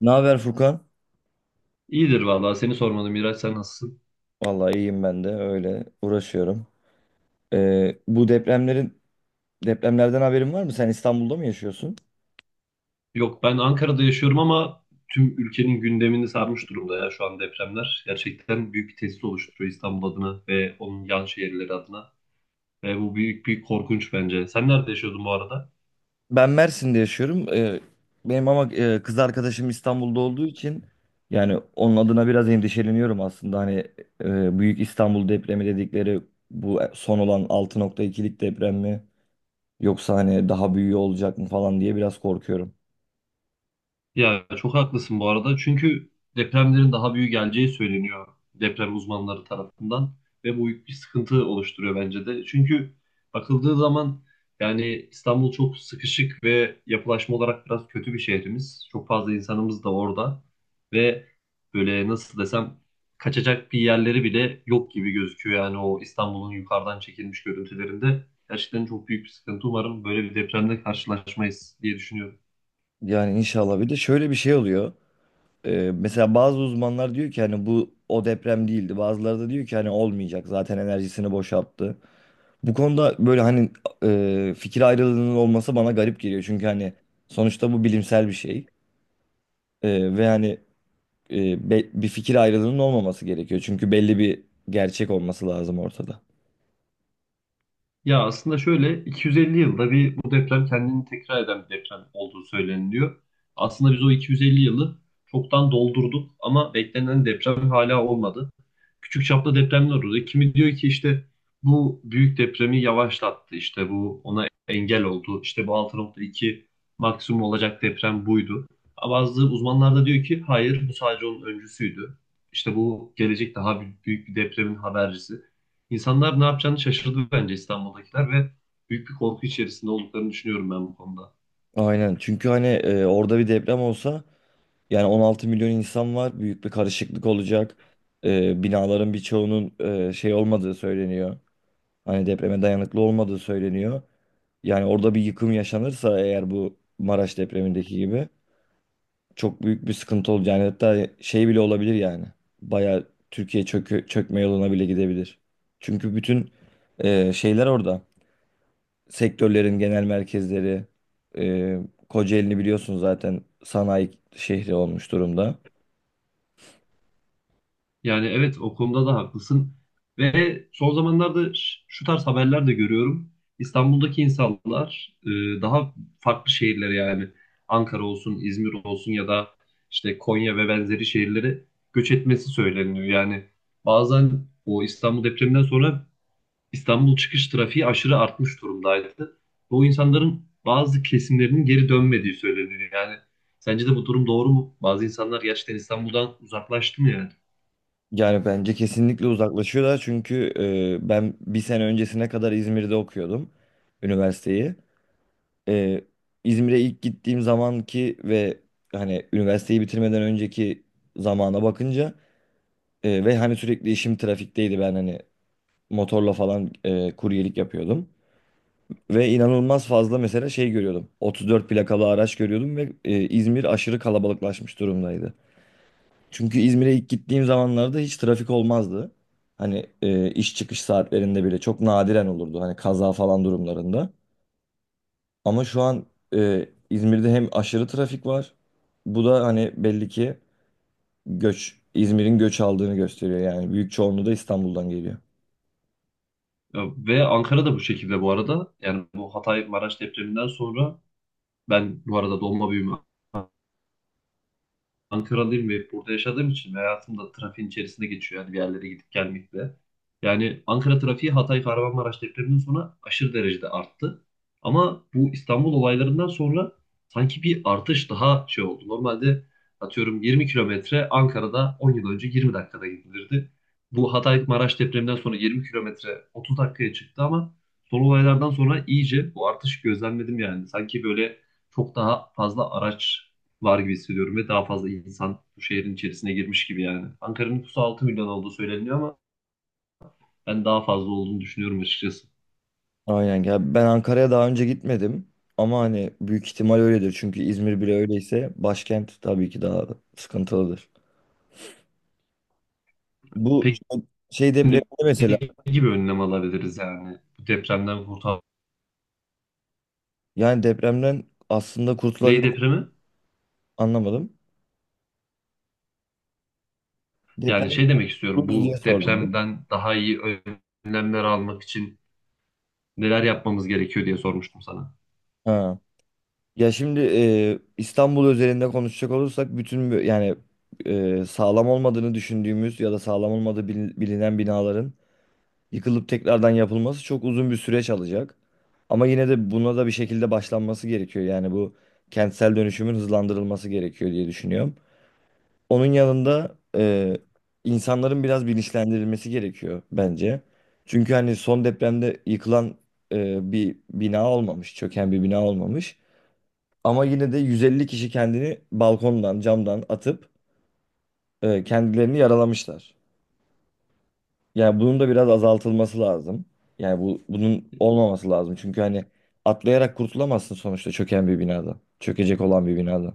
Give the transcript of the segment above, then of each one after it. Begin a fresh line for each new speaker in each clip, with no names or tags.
Ne haber Furkan?
İyidir vallahi seni sormadım Miraç, sen nasılsın?
Vallahi iyiyim ben de öyle uğraşıyorum. Bu depremlerden haberin var mı? Sen İstanbul'da mı yaşıyorsun?
Yok, ben Ankara'da yaşıyorum ama tüm ülkenin gündemini sarmış durumda ya şu an depremler. Gerçekten büyük bir tehdit oluşturuyor İstanbul adına ve onun yan şehirleri adına. Ve bu büyük bir korkunç bence. Sen nerede yaşıyordun bu arada?
Ben Mersin'de yaşıyorum. Benim ama kız arkadaşım İstanbul'da olduğu için yani onun adına biraz endişeleniyorum aslında. Hani büyük İstanbul depremi dedikleri bu son olan 6.2'lik deprem mi? Yoksa hani daha büyüğü olacak mı falan diye biraz korkuyorum.
Ya çok haklısın bu arada. Çünkü depremlerin daha büyük geleceği söyleniyor deprem uzmanları tarafından ve bu büyük bir sıkıntı oluşturuyor bence de. Çünkü bakıldığı zaman yani İstanbul çok sıkışık ve yapılaşma olarak biraz kötü bir şehrimiz. Çok fazla insanımız da orada ve böyle nasıl desem kaçacak bir yerleri bile yok gibi gözüküyor. Yani o İstanbul'un yukarıdan çekilmiş görüntülerinde gerçekten çok büyük bir sıkıntı. Umarım böyle bir depremle karşılaşmayız diye düşünüyorum.
Yani inşallah bir de şöyle bir şey oluyor. Mesela bazı uzmanlar diyor ki hani bu o deprem değildi. Bazıları da diyor ki hani olmayacak, zaten enerjisini boşalttı. Bu konuda böyle hani fikir ayrılığının olması bana garip geliyor. Çünkü hani sonuçta bu bilimsel bir şey. Ve hani bir fikir ayrılığının olmaması gerekiyor. Çünkü belli bir gerçek olması lazım ortada.
Ya aslında şöyle 250 yılda bir bu deprem kendini tekrar eden bir deprem olduğu söyleniliyor. Aslında biz o 250 yılı çoktan doldurduk ama beklenen deprem hala olmadı. Küçük çaplı depremler oldu. Kimi diyor ki işte bu büyük depremi yavaşlattı. İşte bu ona engel oldu. İşte bu 6,2 maksimum olacak deprem buydu. Ama bazı uzmanlar da diyor ki hayır, bu sadece onun öncüsüydü. İşte bu gelecek daha büyük bir depremin habercisi. İnsanlar ne yapacağını şaşırdı bence İstanbul'dakiler ve büyük bir korku içerisinde olduklarını düşünüyorum ben bu konuda.
Aynen, çünkü hani orada bir deprem olsa yani 16 milyon insan var. Büyük bir karışıklık olacak. Binaların birçoğunun şey olmadığı söyleniyor. Hani depreme dayanıklı olmadığı söyleniyor. Yani orada bir yıkım yaşanırsa eğer, bu Maraş depremindeki gibi çok büyük bir sıkıntı olacak. Yani hatta şey bile olabilir yani. Bayağı Türkiye çökme yoluna bile gidebilir. Çünkü bütün şeyler orada. Sektörlerin genel merkezleri, e, Kocaeli'ni biliyorsun, zaten sanayi şehri olmuş durumda.
Yani evet, o konuda da haklısın. Ve son zamanlarda şu tarz haberler de görüyorum. İstanbul'daki insanlar daha farklı şehirlere yani Ankara olsun, İzmir olsun ya da işte Konya ve benzeri şehirlere göç etmesi söyleniyor. Yani bazen o İstanbul depreminden sonra İstanbul çıkış trafiği aşırı artmış durumdaydı. Bu insanların bazı kesimlerinin geri dönmediği söyleniyor. Yani sence de bu durum doğru mu? Bazı insanlar gerçekten İstanbul'dan uzaklaştı mı yani?
Yani bence kesinlikle uzaklaşıyorlar, çünkü ben bir sene öncesine kadar İzmir'de okuyordum üniversiteyi. e, İzmir'e ilk gittiğim zamanki ve hani üniversiteyi bitirmeden önceki zamana bakınca ve hani sürekli işim trafikteydi, ben hani motorla falan kuryelik yapıyordum. Ve inanılmaz fazla mesela şey görüyordum. 34 plakalı araç görüyordum ve İzmir aşırı kalabalıklaşmış durumdaydı. Çünkü İzmir'e ilk gittiğim zamanlarda hiç trafik olmazdı. Hani iş çıkış saatlerinde bile çok nadiren olurdu, hani kaza falan durumlarında. Ama şu an İzmir'de hem aşırı trafik var. Bu da hani belli ki göç, İzmir'in göç aldığını gösteriyor yani. Büyük çoğunluğu da İstanbul'dan geliyor.
Ya ve Ankara da bu şekilde bu arada. Yani bu Hatay Maraş depreminden sonra, ben bu arada doğma büyüme Ankaralıyım ve burada yaşadığım için ve hayatım da trafiğin içerisinde geçiyor. Yani bir yerlere gidip gelmekle. Yani Ankara trafiği Hatay Kahramanmaraş depreminden sonra aşırı derecede arttı. Ama bu İstanbul olaylarından sonra sanki bir artış daha şey oldu. Normalde atıyorum 20 kilometre Ankara'da 10 yıl önce 20 dakikada gidilirdi. Bu Hatay Maraş depreminden sonra 20 kilometre 30 dakikaya çıktı ama son olaylardan sonra iyice bu artış gözlemledim yani. Sanki böyle çok daha fazla araç var gibi hissediyorum ve daha fazla insan bu şehrin içerisine girmiş gibi yani. Ankara'nın nüfusu 6 milyon olduğu söyleniyor ama ben daha fazla olduğunu düşünüyorum açıkçası.
Aynen ya, ben Ankara'ya daha önce gitmedim, ama hani büyük ihtimal öyledir. Çünkü İzmir bile öyleyse başkent tabii ki daha sıkıntılıdır. Bu
Peki
şey depremde
ne
mesela
gibi önlem alabiliriz yani bu depremden kurtar.
yani depremden aslında
Ney
kurtulabilir,
depremi?
anlamadım. Deprem
Yani şey demek istiyorum,
kurtulur diye
bu
sordum.
depremden daha iyi önlemler almak için neler yapmamız gerekiyor diye sormuştum sana.
Ha. Ya şimdi İstanbul özelinde konuşacak olursak, bütün yani sağlam olmadığını düşündüğümüz ya da sağlam olmadığı bilinen binaların yıkılıp tekrardan yapılması çok uzun bir süreç alacak. Ama yine de buna da bir şekilde başlanması gerekiyor. Yani bu kentsel dönüşümün hızlandırılması gerekiyor diye düşünüyorum. Onun yanında insanların biraz bilinçlendirilmesi gerekiyor bence. Çünkü hani son depremde yıkılan bir bina olmamış, çöken bir bina olmamış. Ama yine de 150 kişi kendini balkondan, camdan atıp kendilerini yaralamışlar. Yani bunun da biraz azaltılması lazım. Yani bu, bunun olmaması lazım. Çünkü hani atlayarak kurtulamazsın sonuçta çöken bir binada, çökecek olan bir binada.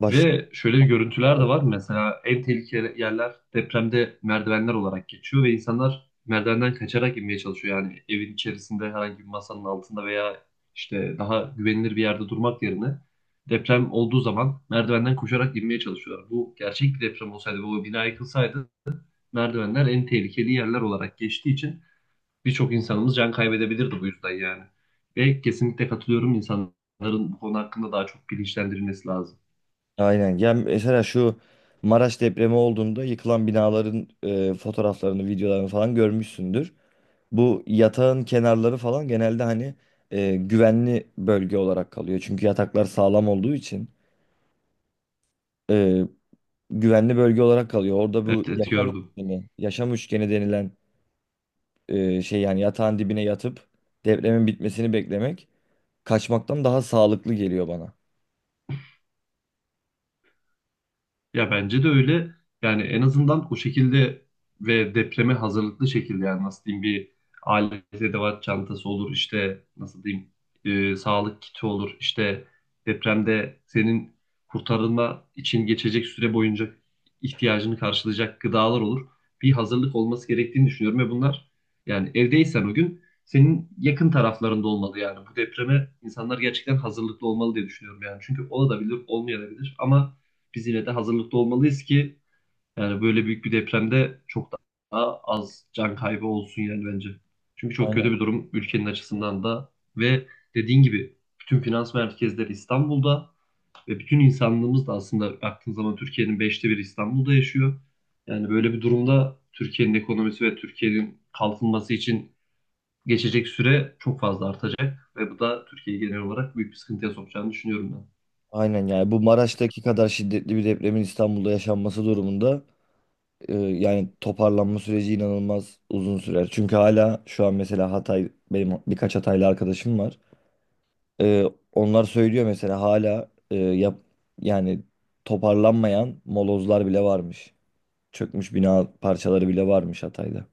Başka
Ve şöyle bir görüntüler de var. Mesela en tehlikeli yerler depremde merdivenler olarak geçiyor ve insanlar merdivenden kaçarak inmeye çalışıyor. Yani evin içerisinde herhangi bir masanın altında veya işte daha güvenilir bir yerde durmak yerine deprem olduğu zaman merdivenden koşarak inmeye çalışıyorlar. Bu gerçek bir deprem olsaydı ve o bina yıkılsaydı, merdivenler en tehlikeli yerler olarak geçtiği için birçok insanımız can kaybedebilirdi bu yüzden yani. Ve kesinlikle katılıyorum, insanların bu konu hakkında daha çok bilinçlendirilmesi lazım.
aynen. Yani mesela şu Maraş depremi olduğunda yıkılan binaların fotoğraflarını, videolarını falan görmüşsündür. Bu yatağın kenarları falan genelde hani güvenli bölge olarak kalıyor, çünkü yataklar sağlam olduğu için. E, güvenli bölge olarak kalıyor. Orada bu
Evet, evet,
yaşam
gördüm.
üçgeni, yaşam üçgeni denilen şey, yani yatağın dibine yatıp depremin bitmesini beklemek kaçmaktan daha sağlıklı geliyor bana.
Ya bence de öyle. Yani en azından o şekilde ve depreme hazırlıklı şekilde yani nasıl diyeyim, bir alet edevat çantası olur, işte nasıl diyeyim, sağlık kiti olur, işte depremde senin kurtarılma için geçecek süre boyunca ihtiyacını karşılayacak gıdalar olur. Bir hazırlık olması gerektiğini düşünüyorum ve bunlar yani evdeysen o gün senin yakın taraflarında olmalı yani bu depreme insanlar gerçekten hazırlıklı olmalı diye düşünüyorum yani çünkü olabilir olmayabilir ama biz yine de hazırlıklı olmalıyız ki yani böyle büyük bir depremde çok daha az can kaybı olsun yani bence. Çünkü çok
Aynen.
kötü bir durum ülkenin açısından da ve dediğin gibi bütün finans merkezleri İstanbul'da ve bütün insanlığımız da aslında baktığın zaman Türkiye'nin beşte biri İstanbul'da yaşıyor. Yani böyle bir durumda Türkiye'nin ekonomisi ve Türkiye'nin kalkınması için geçecek süre çok fazla artacak ve bu da Türkiye'yi genel olarak büyük bir sıkıntıya sokacağını düşünüyorum ben.
Aynen, yani bu Maraş'taki kadar şiddetli bir depremin İstanbul'da yaşanması durumunda yani toparlanma süreci inanılmaz uzun sürer. Çünkü hala şu an mesela Hatay, benim birkaç Hataylı arkadaşım var. Ee, onlar söylüyor mesela, hala yani toparlanmayan molozlar bile varmış. Çökmüş bina parçaları bile varmış Hatay'da.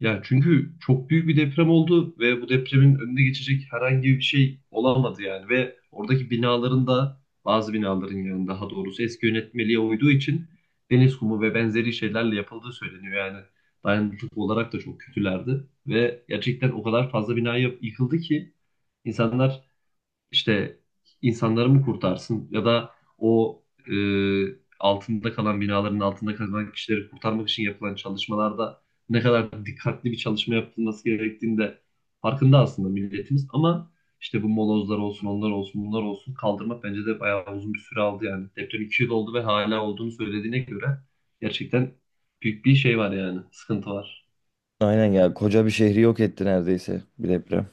Ya çünkü çok büyük bir deprem oldu ve bu depremin önüne geçecek herhangi bir şey olamadı yani ve oradaki binaların da bazı binaların yani daha doğrusu eski yönetmeliğe uyduğu için deniz kumu ve benzeri şeylerle yapıldığı söyleniyor yani dayanıklılık olarak da çok kötülerdi ve gerçekten o kadar fazla bina yıkıldı ki insanlar işte insanları mı kurtarsın ya da o e, altında kalan binaların altında kalan kişileri kurtarmak için yapılan çalışmalarda ne kadar dikkatli bir çalışma yapılması gerektiğinde farkında aslında milletimiz ama işte bu molozlar olsun, onlar olsun, bunlar olsun, kaldırmak bence de bayağı uzun bir süre aldı yani. Deprem 2 yıl oldu ve hala olduğunu söylediğine göre gerçekten büyük bir şey var yani, sıkıntı var.
Aynen ya, koca bir şehri yok etti neredeyse bir deprem.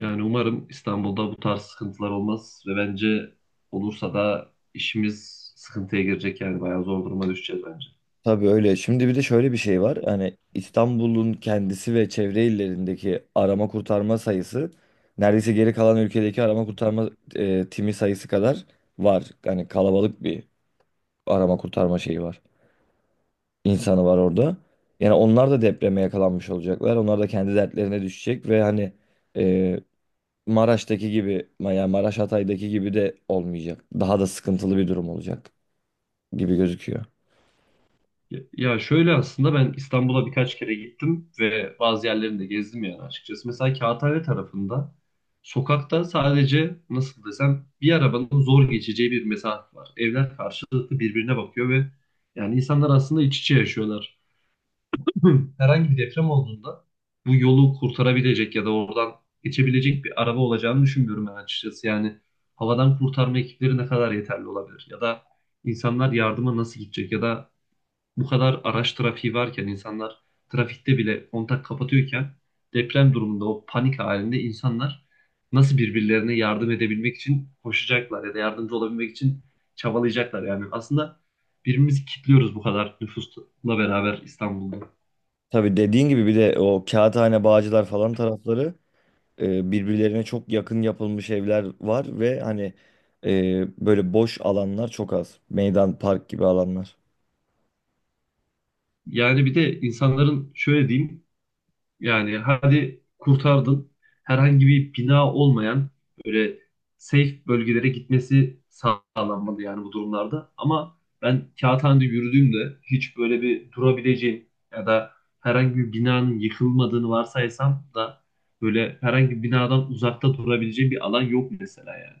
Yani umarım İstanbul'da bu tarz sıkıntılar olmaz ve bence olursa da işimiz sıkıntıya girecek yani bayağı zor duruma düşeceğiz bence.
Tabii öyle. Şimdi bir de şöyle bir şey var. Hani İstanbul'un kendisi ve çevre illerindeki arama kurtarma sayısı neredeyse geri kalan ülkedeki arama kurtarma timi sayısı kadar var. Yani kalabalık bir arama kurtarma şeyi var, insanı var orada. Yani onlar da depreme yakalanmış olacaklar. Onlar da kendi dertlerine düşecek ve hani e, Maraş'taki gibi, yani Maraş Hatay'daki gibi de olmayacak. Daha da sıkıntılı bir durum olacak gibi gözüküyor.
Ya ya şöyle, aslında ben İstanbul'a birkaç kere gittim ve bazı yerlerini de gezdim yani açıkçası. Mesela Kağıthane tarafında sokakta sadece nasıl desem bir arabanın zor geçeceği bir mesafe var. Evler karşılıklı birbirine bakıyor ve yani insanlar aslında iç içe yaşıyorlar. Herhangi bir deprem olduğunda bu yolu kurtarabilecek ya da oradan geçebilecek bir araba olacağını düşünmüyorum ben açıkçası. Yani havadan kurtarma ekipleri ne kadar yeterli olabilir? Ya da insanlar yardıma nasıl gidecek? Ya da bu kadar araç trafiği varken insanlar trafikte bile kontak kapatıyorken deprem durumunda o panik halinde insanlar nasıl birbirlerine yardım edebilmek için koşacaklar ya da yardımcı olabilmek için çabalayacaklar yani. Aslında birbirimizi kilitliyoruz bu kadar nüfusla beraber İstanbul'da.
Tabii dediğin gibi, bir de o Kağıthane, Bağcılar falan tarafları birbirlerine çok yakın yapılmış evler var ve hani böyle boş alanlar çok az. Meydan, park gibi alanlar.
Yani bir de insanların şöyle diyeyim, yani hadi kurtardın, herhangi bir bina olmayan böyle safe bölgelere gitmesi sağlanmalı yani bu durumlarda. Ama ben Kağıthane'de yürüdüğümde hiç böyle bir durabileceğim ya da herhangi bir binanın yıkılmadığını varsaysam da böyle herhangi bir binadan uzakta durabileceğim bir alan yok mesela yani.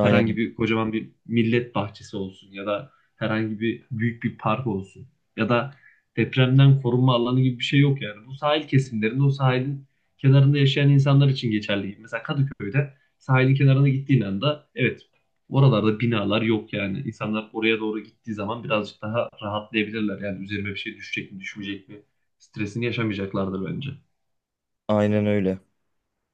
Herhangi bir kocaman bir millet bahçesi olsun ya da herhangi bir büyük bir park olsun ya da depremden korunma alanı gibi bir şey yok yani. Bu sahil kesimlerinde o sahilin kenarında yaşayan insanlar için geçerli. Mesela Kadıköy'de sahilin kenarına gittiğin anda evet, oralarda binalar yok yani. İnsanlar oraya doğru gittiği zaman birazcık daha rahatlayabilirler. Yani üzerime bir şey düşecek mi düşmeyecek mi stresini yaşamayacaklardır bence.
aynen öyle.